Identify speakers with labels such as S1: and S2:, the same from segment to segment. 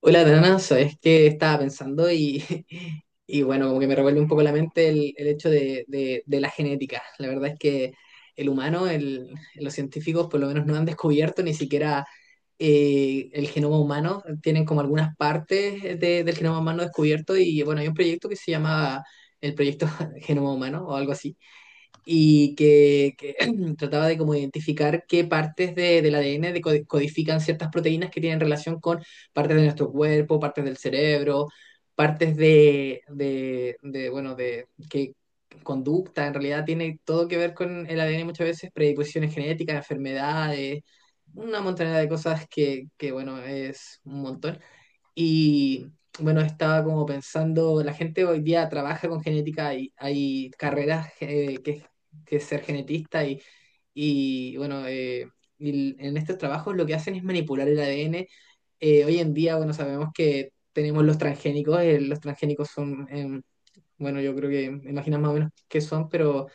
S1: Hola, Dana, sabes que estaba pensando y, y bueno, como que me revuelve un poco la mente el hecho de la genética. La verdad es que el humano, los científicos por lo menos no han descubierto ni siquiera el genoma humano. Tienen como algunas partes del genoma humano descubierto y bueno, hay un proyecto que se llama el proyecto Genoma Humano o algo así y que trataba de como identificar qué partes de, del ADN codifican ciertas proteínas que tienen relación con partes de nuestro cuerpo, partes del cerebro, partes de, bueno, de que conducta, en realidad tiene todo que ver con el ADN muchas veces, predisposiciones genéticas, enfermedades, una montaña de cosas que bueno, es un montón. Y bueno, estaba como pensando, la gente hoy día trabaja con genética, y hay carreras que es ser genetista y, y bueno, eh, y en estos trabajos lo que hacen es manipular el ADN. Hoy en día, bueno, sabemos que tenemos los transgénicos son, bueno, yo creo que imaginas más o menos qué son, pero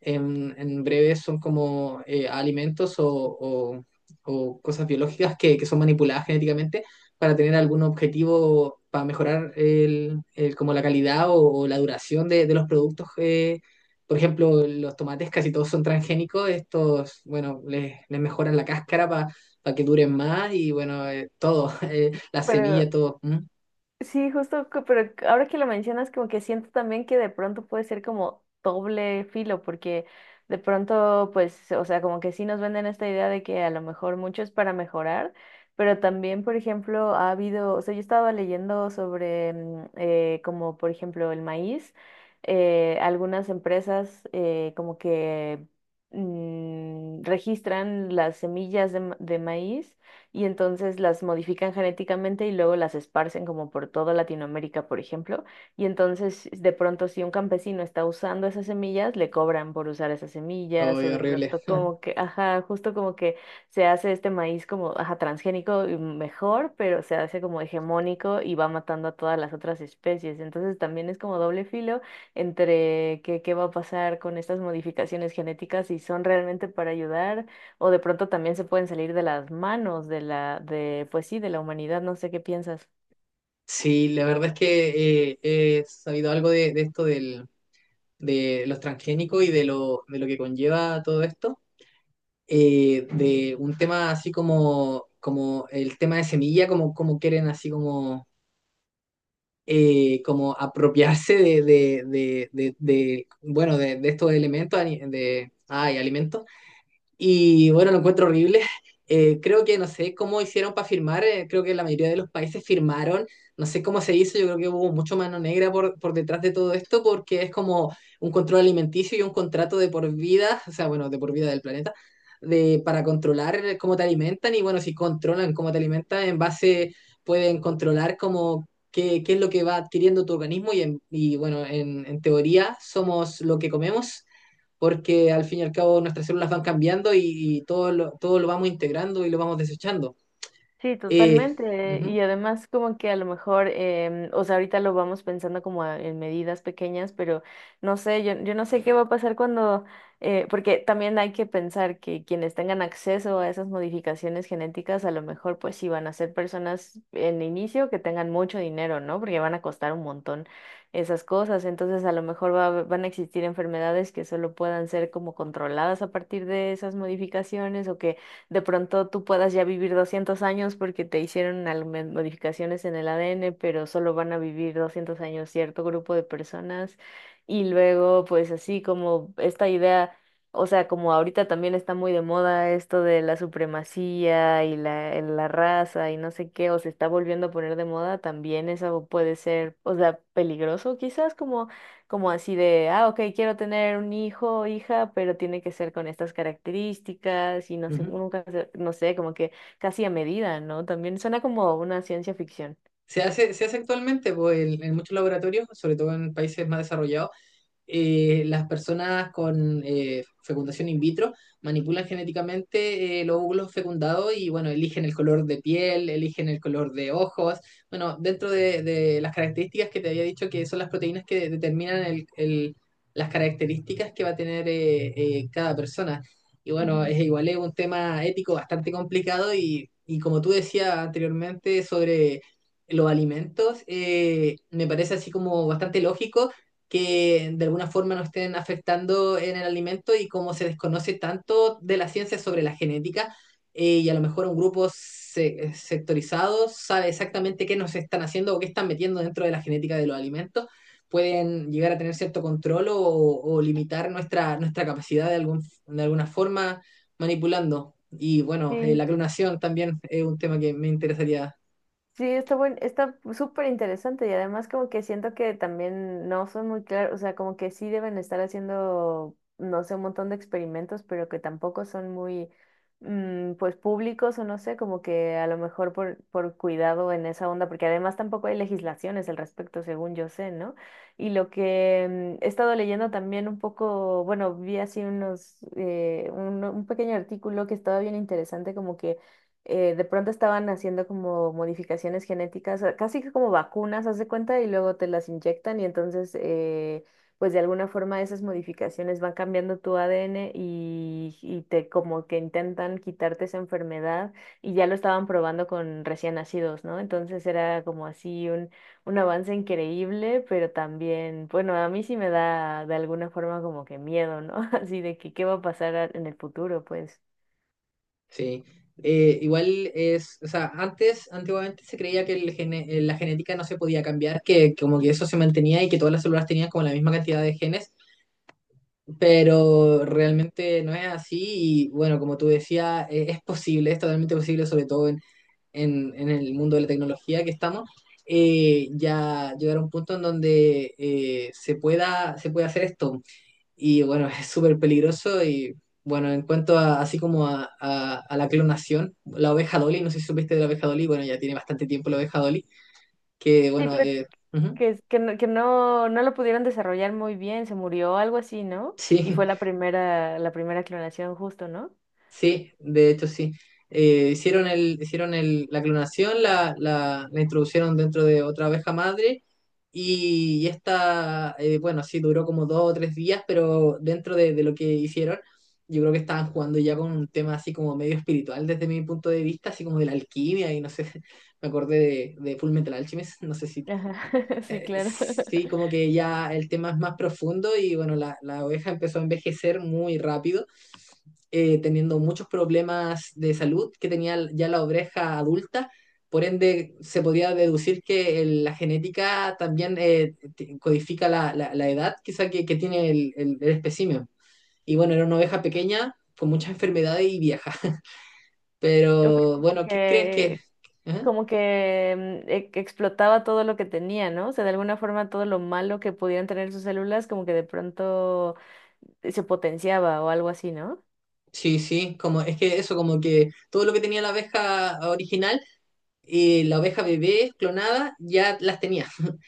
S1: en breve son como alimentos o- o cosas biológicas que son manipuladas genéticamente para tener algún objetivo para mejorar el, como la calidad o la duración de los productos. Por ejemplo, los tomates casi todos son transgénicos. Estos, bueno, les mejoran la cáscara para que duren más y bueno, todo, las
S2: Pero
S1: semillas, todo. Mm.
S2: sí, justo, pero ahora que lo mencionas, como que siento también que de pronto puede ser como doble filo, porque de pronto, pues, o sea, como que sí nos venden esta idea de que a lo mejor mucho es para mejorar, pero también, por ejemplo, ha habido, o sea, yo estaba leyendo sobre, como por ejemplo, el maíz, algunas empresas como que registran las semillas de de maíz y entonces las modifican genéticamente y luego las esparcen como por toda Latinoamérica, por ejemplo. Y entonces de pronto si un campesino está usando esas semillas, le cobran por usar esas
S1: Oh,
S2: semillas o de
S1: horrible.
S2: pronto como que, ajá, justo como que se hace este maíz como, ajá, transgénico y mejor, pero se hace como hegemónico y va matando a todas las otras especies. Entonces también es como doble filo entre qué, qué va a pasar con estas modificaciones genéticas, si son realmente para ayudar o de pronto también se pueden salir de las manos de la, de, pues sí, de la humanidad, no sé qué piensas.
S1: Sí, la verdad es que he sabido algo de esto del, de los transgénicos y de de lo que conlleva todo esto, de un tema así como el tema de semilla, como quieren así como, como apropiarse de, bueno, de estos elementos, ay, alimentos. Y bueno, lo encuentro horrible. Creo que no sé cómo hicieron para firmar, creo que la mayoría de los países firmaron, no sé cómo se hizo. Yo creo que hubo mucho mano negra por detrás de todo esto porque es como un control alimenticio y un contrato de por vida, o sea, bueno, de por vida del planeta, de, para controlar cómo te alimentan y bueno, si controlan cómo te alimentan, en base pueden controlar como qué, qué es lo que va adquiriendo tu organismo y bueno, en teoría somos lo que comemos porque al fin y al cabo nuestras células van cambiando y todo lo vamos integrando y lo vamos desechando.
S2: Sí,
S1: Eh,
S2: totalmente. Y
S1: Ujú,
S2: además como que a lo mejor, o sea, ahorita lo vamos pensando como en medidas pequeñas, pero no sé, yo no sé qué va a pasar cuando, porque también hay que pensar que quienes tengan acceso a esas modificaciones genéticas, a lo mejor pues sí van a ser personas en inicio que tengan mucho dinero, ¿no? Porque van a costar un montón esas cosas. Entonces a lo mejor van a existir enfermedades que solo puedan ser como controladas a partir de esas modificaciones o que de pronto tú puedas ya vivir 200 años porque te hicieron algunas modificaciones en el ADN, pero solo van a vivir 200 años cierto grupo de personas. Y luego, pues así como esta idea, o sea, como ahorita también está muy de moda esto de la supremacía y la raza y no sé qué, o se está volviendo a poner de moda, también eso puede ser, o sea, peligroso quizás, como así de, ah, ok, quiero tener un hijo o hija, pero tiene que ser con estas características y no sé,
S1: ujú.
S2: nunca, no sé, como que casi a medida, ¿no? También suena como una ciencia ficción.
S1: Se hace actualmente pues, en muchos laboratorios, sobre todo en países más desarrollados, las personas con fecundación in vitro manipulan genéticamente los óvulos fecundados y bueno, eligen el color de piel, eligen el color de ojos. Bueno, dentro de las características que te había dicho que son las proteínas que determinan las características que va a tener cada persona. Y bueno,
S2: Ujú.
S1: es igual es un tema ético bastante complicado y como tú decías anteriormente sobre los alimentos, me parece así como bastante lógico que de alguna forma nos estén afectando en el alimento y como se desconoce tanto de la ciencia sobre la genética y a lo mejor un grupo sectorizado sabe exactamente qué nos están haciendo o qué están metiendo dentro de la genética de los alimentos, pueden llegar a tener cierto control o limitar nuestra, nuestra capacidad de alguna forma manipulando. Y bueno,
S2: Sí,
S1: la clonación también es un tema que me interesaría.
S2: Sí, está buen, está súper interesante y además como que siento que también no son muy claros, o sea, como que sí deben estar haciendo, no sé, un montón de experimentos, pero que tampoco son muy, pues públicos o no sé, como que a lo mejor por cuidado en esa onda, porque además tampoco hay legislaciones al respecto, según yo sé, ¿no? Y lo que he estado leyendo también un poco, bueno, vi así unos, un pequeño artículo que estaba bien interesante, como que de pronto estaban haciendo como modificaciones genéticas, casi que como vacunas, haz de cuenta, y luego te las inyectan y entonces, pues de alguna forma esas modificaciones van cambiando tu ADN y te como que intentan quitarte esa enfermedad y ya lo estaban probando con recién nacidos, ¿no? Entonces era como así un avance increíble, pero también, bueno, a mí sí me da de alguna forma como que miedo, ¿no? Así de que qué va a pasar en el futuro, pues.
S1: Sí, igual es, o sea, antes, antiguamente se creía que la genética no se podía cambiar, que como que eso se mantenía y que todas las células tenían como la misma cantidad de genes, pero realmente no es así y bueno, como tú decías, es posible, es totalmente posible, sobre todo en el mundo de la tecnología que estamos, ya llegar a un punto en donde se puede hacer esto. Y bueno, es súper peligroso y bueno, en cuanto a, así como a la clonación, la oveja Dolly, no sé si supiste de la oveja Dolly. Bueno, ya tiene bastante tiempo la oveja Dolly, que
S2: Sí,
S1: bueno,
S2: pero
S1: ujú,
S2: que no, no lo pudieron desarrollar muy bien, se murió, algo así, ¿no? Y
S1: sí,
S2: fue la primera clonación justo, ¿no?
S1: sí, de hecho sí. Hicieron el, la clonación, la introducieron dentro de otra abeja madre y esta, bueno, sí, duró como dos o tres días, pero dentro de lo que hicieron, yo creo que estaban jugando ya con un tema así como medio espiritual desde mi punto de vista, así como de la alquimia y no sé, me acordé de Full Metal Alchemist, no sé si,
S2: Ajá, sí, claro.
S1: sí, como que ya el tema es más profundo y bueno, la oveja empezó a envejecer muy rápido teniendo muchos problemas de salud que tenía ya la oveja adulta. Por ende, se podía deducir que la genética también codifica la edad quizá que tiene el, el espécimen. Y bueno, era una oveja pequeña con muchas enfermedades y vieja.
S2: O sea,
S1: Pero bueno, ¿qué crees que...? ¿Eh?
S2: como que que explotaba todo lo que tenía, ¿no? O sea, de alguna forma todo lo malo que pudieran tener sus células, como que de pronto se potenciaba o algo así, ¿no?
S1: Sí, sí, como, es que eso, como que todo lo que tenía la oveja original y la oveja bebé clonada ya las tenía.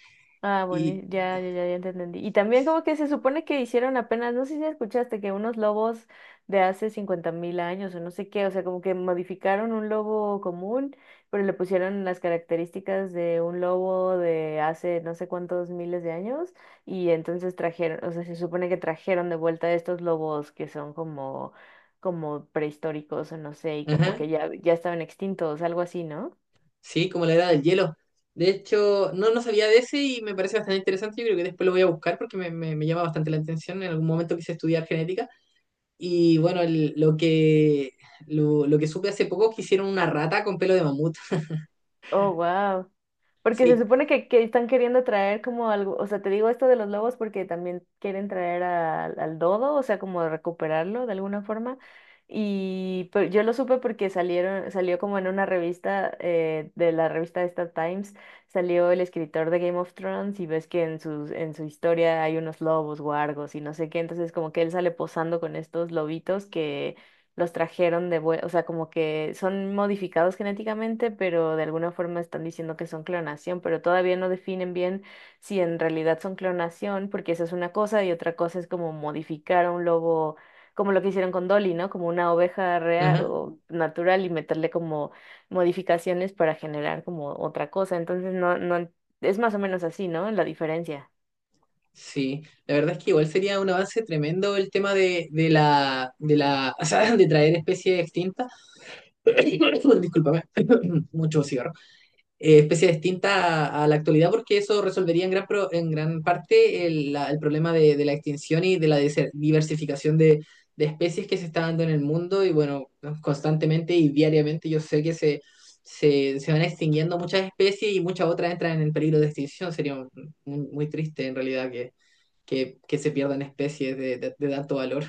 S2: Ah, bueno,
S1: Y,
S2: ya te entendí. Y también como que se supone que hicieron apenas, no sé si escuchaste, que unos lobos de hace 50.000 años o no sé qué, o sea, como que modificaron un lobo común, pero le pusieron las características de un lobo de hace no sé cuántos miles de años y entonces trajeron, o sea, se supone que trajeron de vuelta estos lobos que son como, como prehistóricos o no sé, y como
S1: ajá.
S2: que ya estaban extintos, algo así, ¿no?
S1: Sí, como la edad del hielo. De hecho, no, no sabía de ese y me parece bastante interesante. Yo creo que después lo voy a buscar porque me, me llama bastante la atención. En algún momento quise estudiar genética. Y bueno, lo que supe hace poco es que hicieron una rata con pelo de mamut.
S2: Oh, wow. Porque se
S1: Sí,
S2: supone que están queriendo traer como algo, o sea, te digo esto de los lobos porque también quieren traer al al dodo, o sea, como recuperarlo de alguna forma. Y pero yo lo supe porque salió como en una revista, de la revista esta Times, salió el escritor de Game of Thrones y ves que en en su historia hay unos lobos, guargos y no sé qué, entonces como que él sale posando con estos lobitos que los trajeron de vuelta, o sea, como que son modificados genéticamente, pero de alguna forma están diciendo que son clonación, pero todavía no definen bien si en realidad son clonación, porque esa es una cosa y otra cosa es como modificar a un lobo, como lo que hicieron con Dolly, ¿no? Como una oveja real
S1: ajá,
S2: o natural y meterle como modificaciones para generar como otra cosa. Entonces, no, no, es más o menos así, ¿no? La diferencia.
S1: sí. La verdad es que igual sería un avance tremendo el tema de la, o sea de traer especies extintas. Discúlpame, mucho cigarro. Especie distinta la actualidad porque eso resolvería en en gran parte el, el problema de la extinción y de la diversificación de especies que se está dando en el mundo y bueno, constantemente y diariamente yo sé se van extinguiendo muchas especies y muchas otras entran en peligro de extinción. Sería muy triste en realidad que se pierdan especies de tanto valor.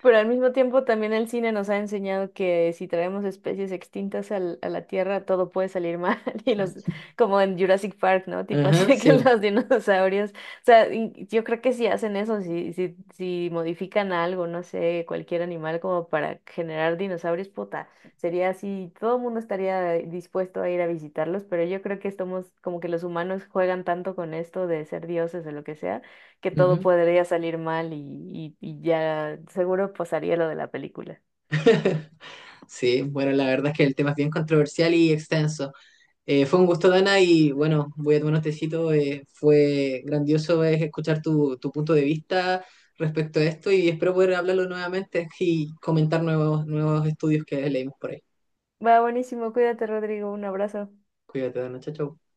S2: Pero al mismo tiempo también el cine nos ha enseñado que si traemos especies extintas a la Tierra, todo puede salir mal. Y los, como en Jurassic Park, ¿no? Tipo
S1: Ajá,
S2: así de que
S1: sí.
S2: los dinosaurios. O sea, y yo creo que si hacen eso, si modifican algo, no sé, cualquier animal como para generar dinosaurios, puta, sería así, todo el mundo estaría dispuesto a ir a visitarlos, pero yo creo que estamos, como que los humanos juegan tanto con esto de ser dioses o lo que sea que todo
S1: Ujú.
S2: podría salir mal y, y ya seguro pasaría lo de la película.
S1: Sí, bueno, la verdad es que el tema es bien controversial y extenso. Fue un gusto, Dana, y bueno, voy a tomar un tecito. Fue grandioso es escuchar tu, tu punto de vista respecto a esto y espero poder hablarlo nuevamente y comentar nuevos, nuevos estudios que leímos por ahí.
S2: Va, buenísimo, cuídate, Rodrigo, un abrazo.
S1: Cuídate, Dana, chao, chao.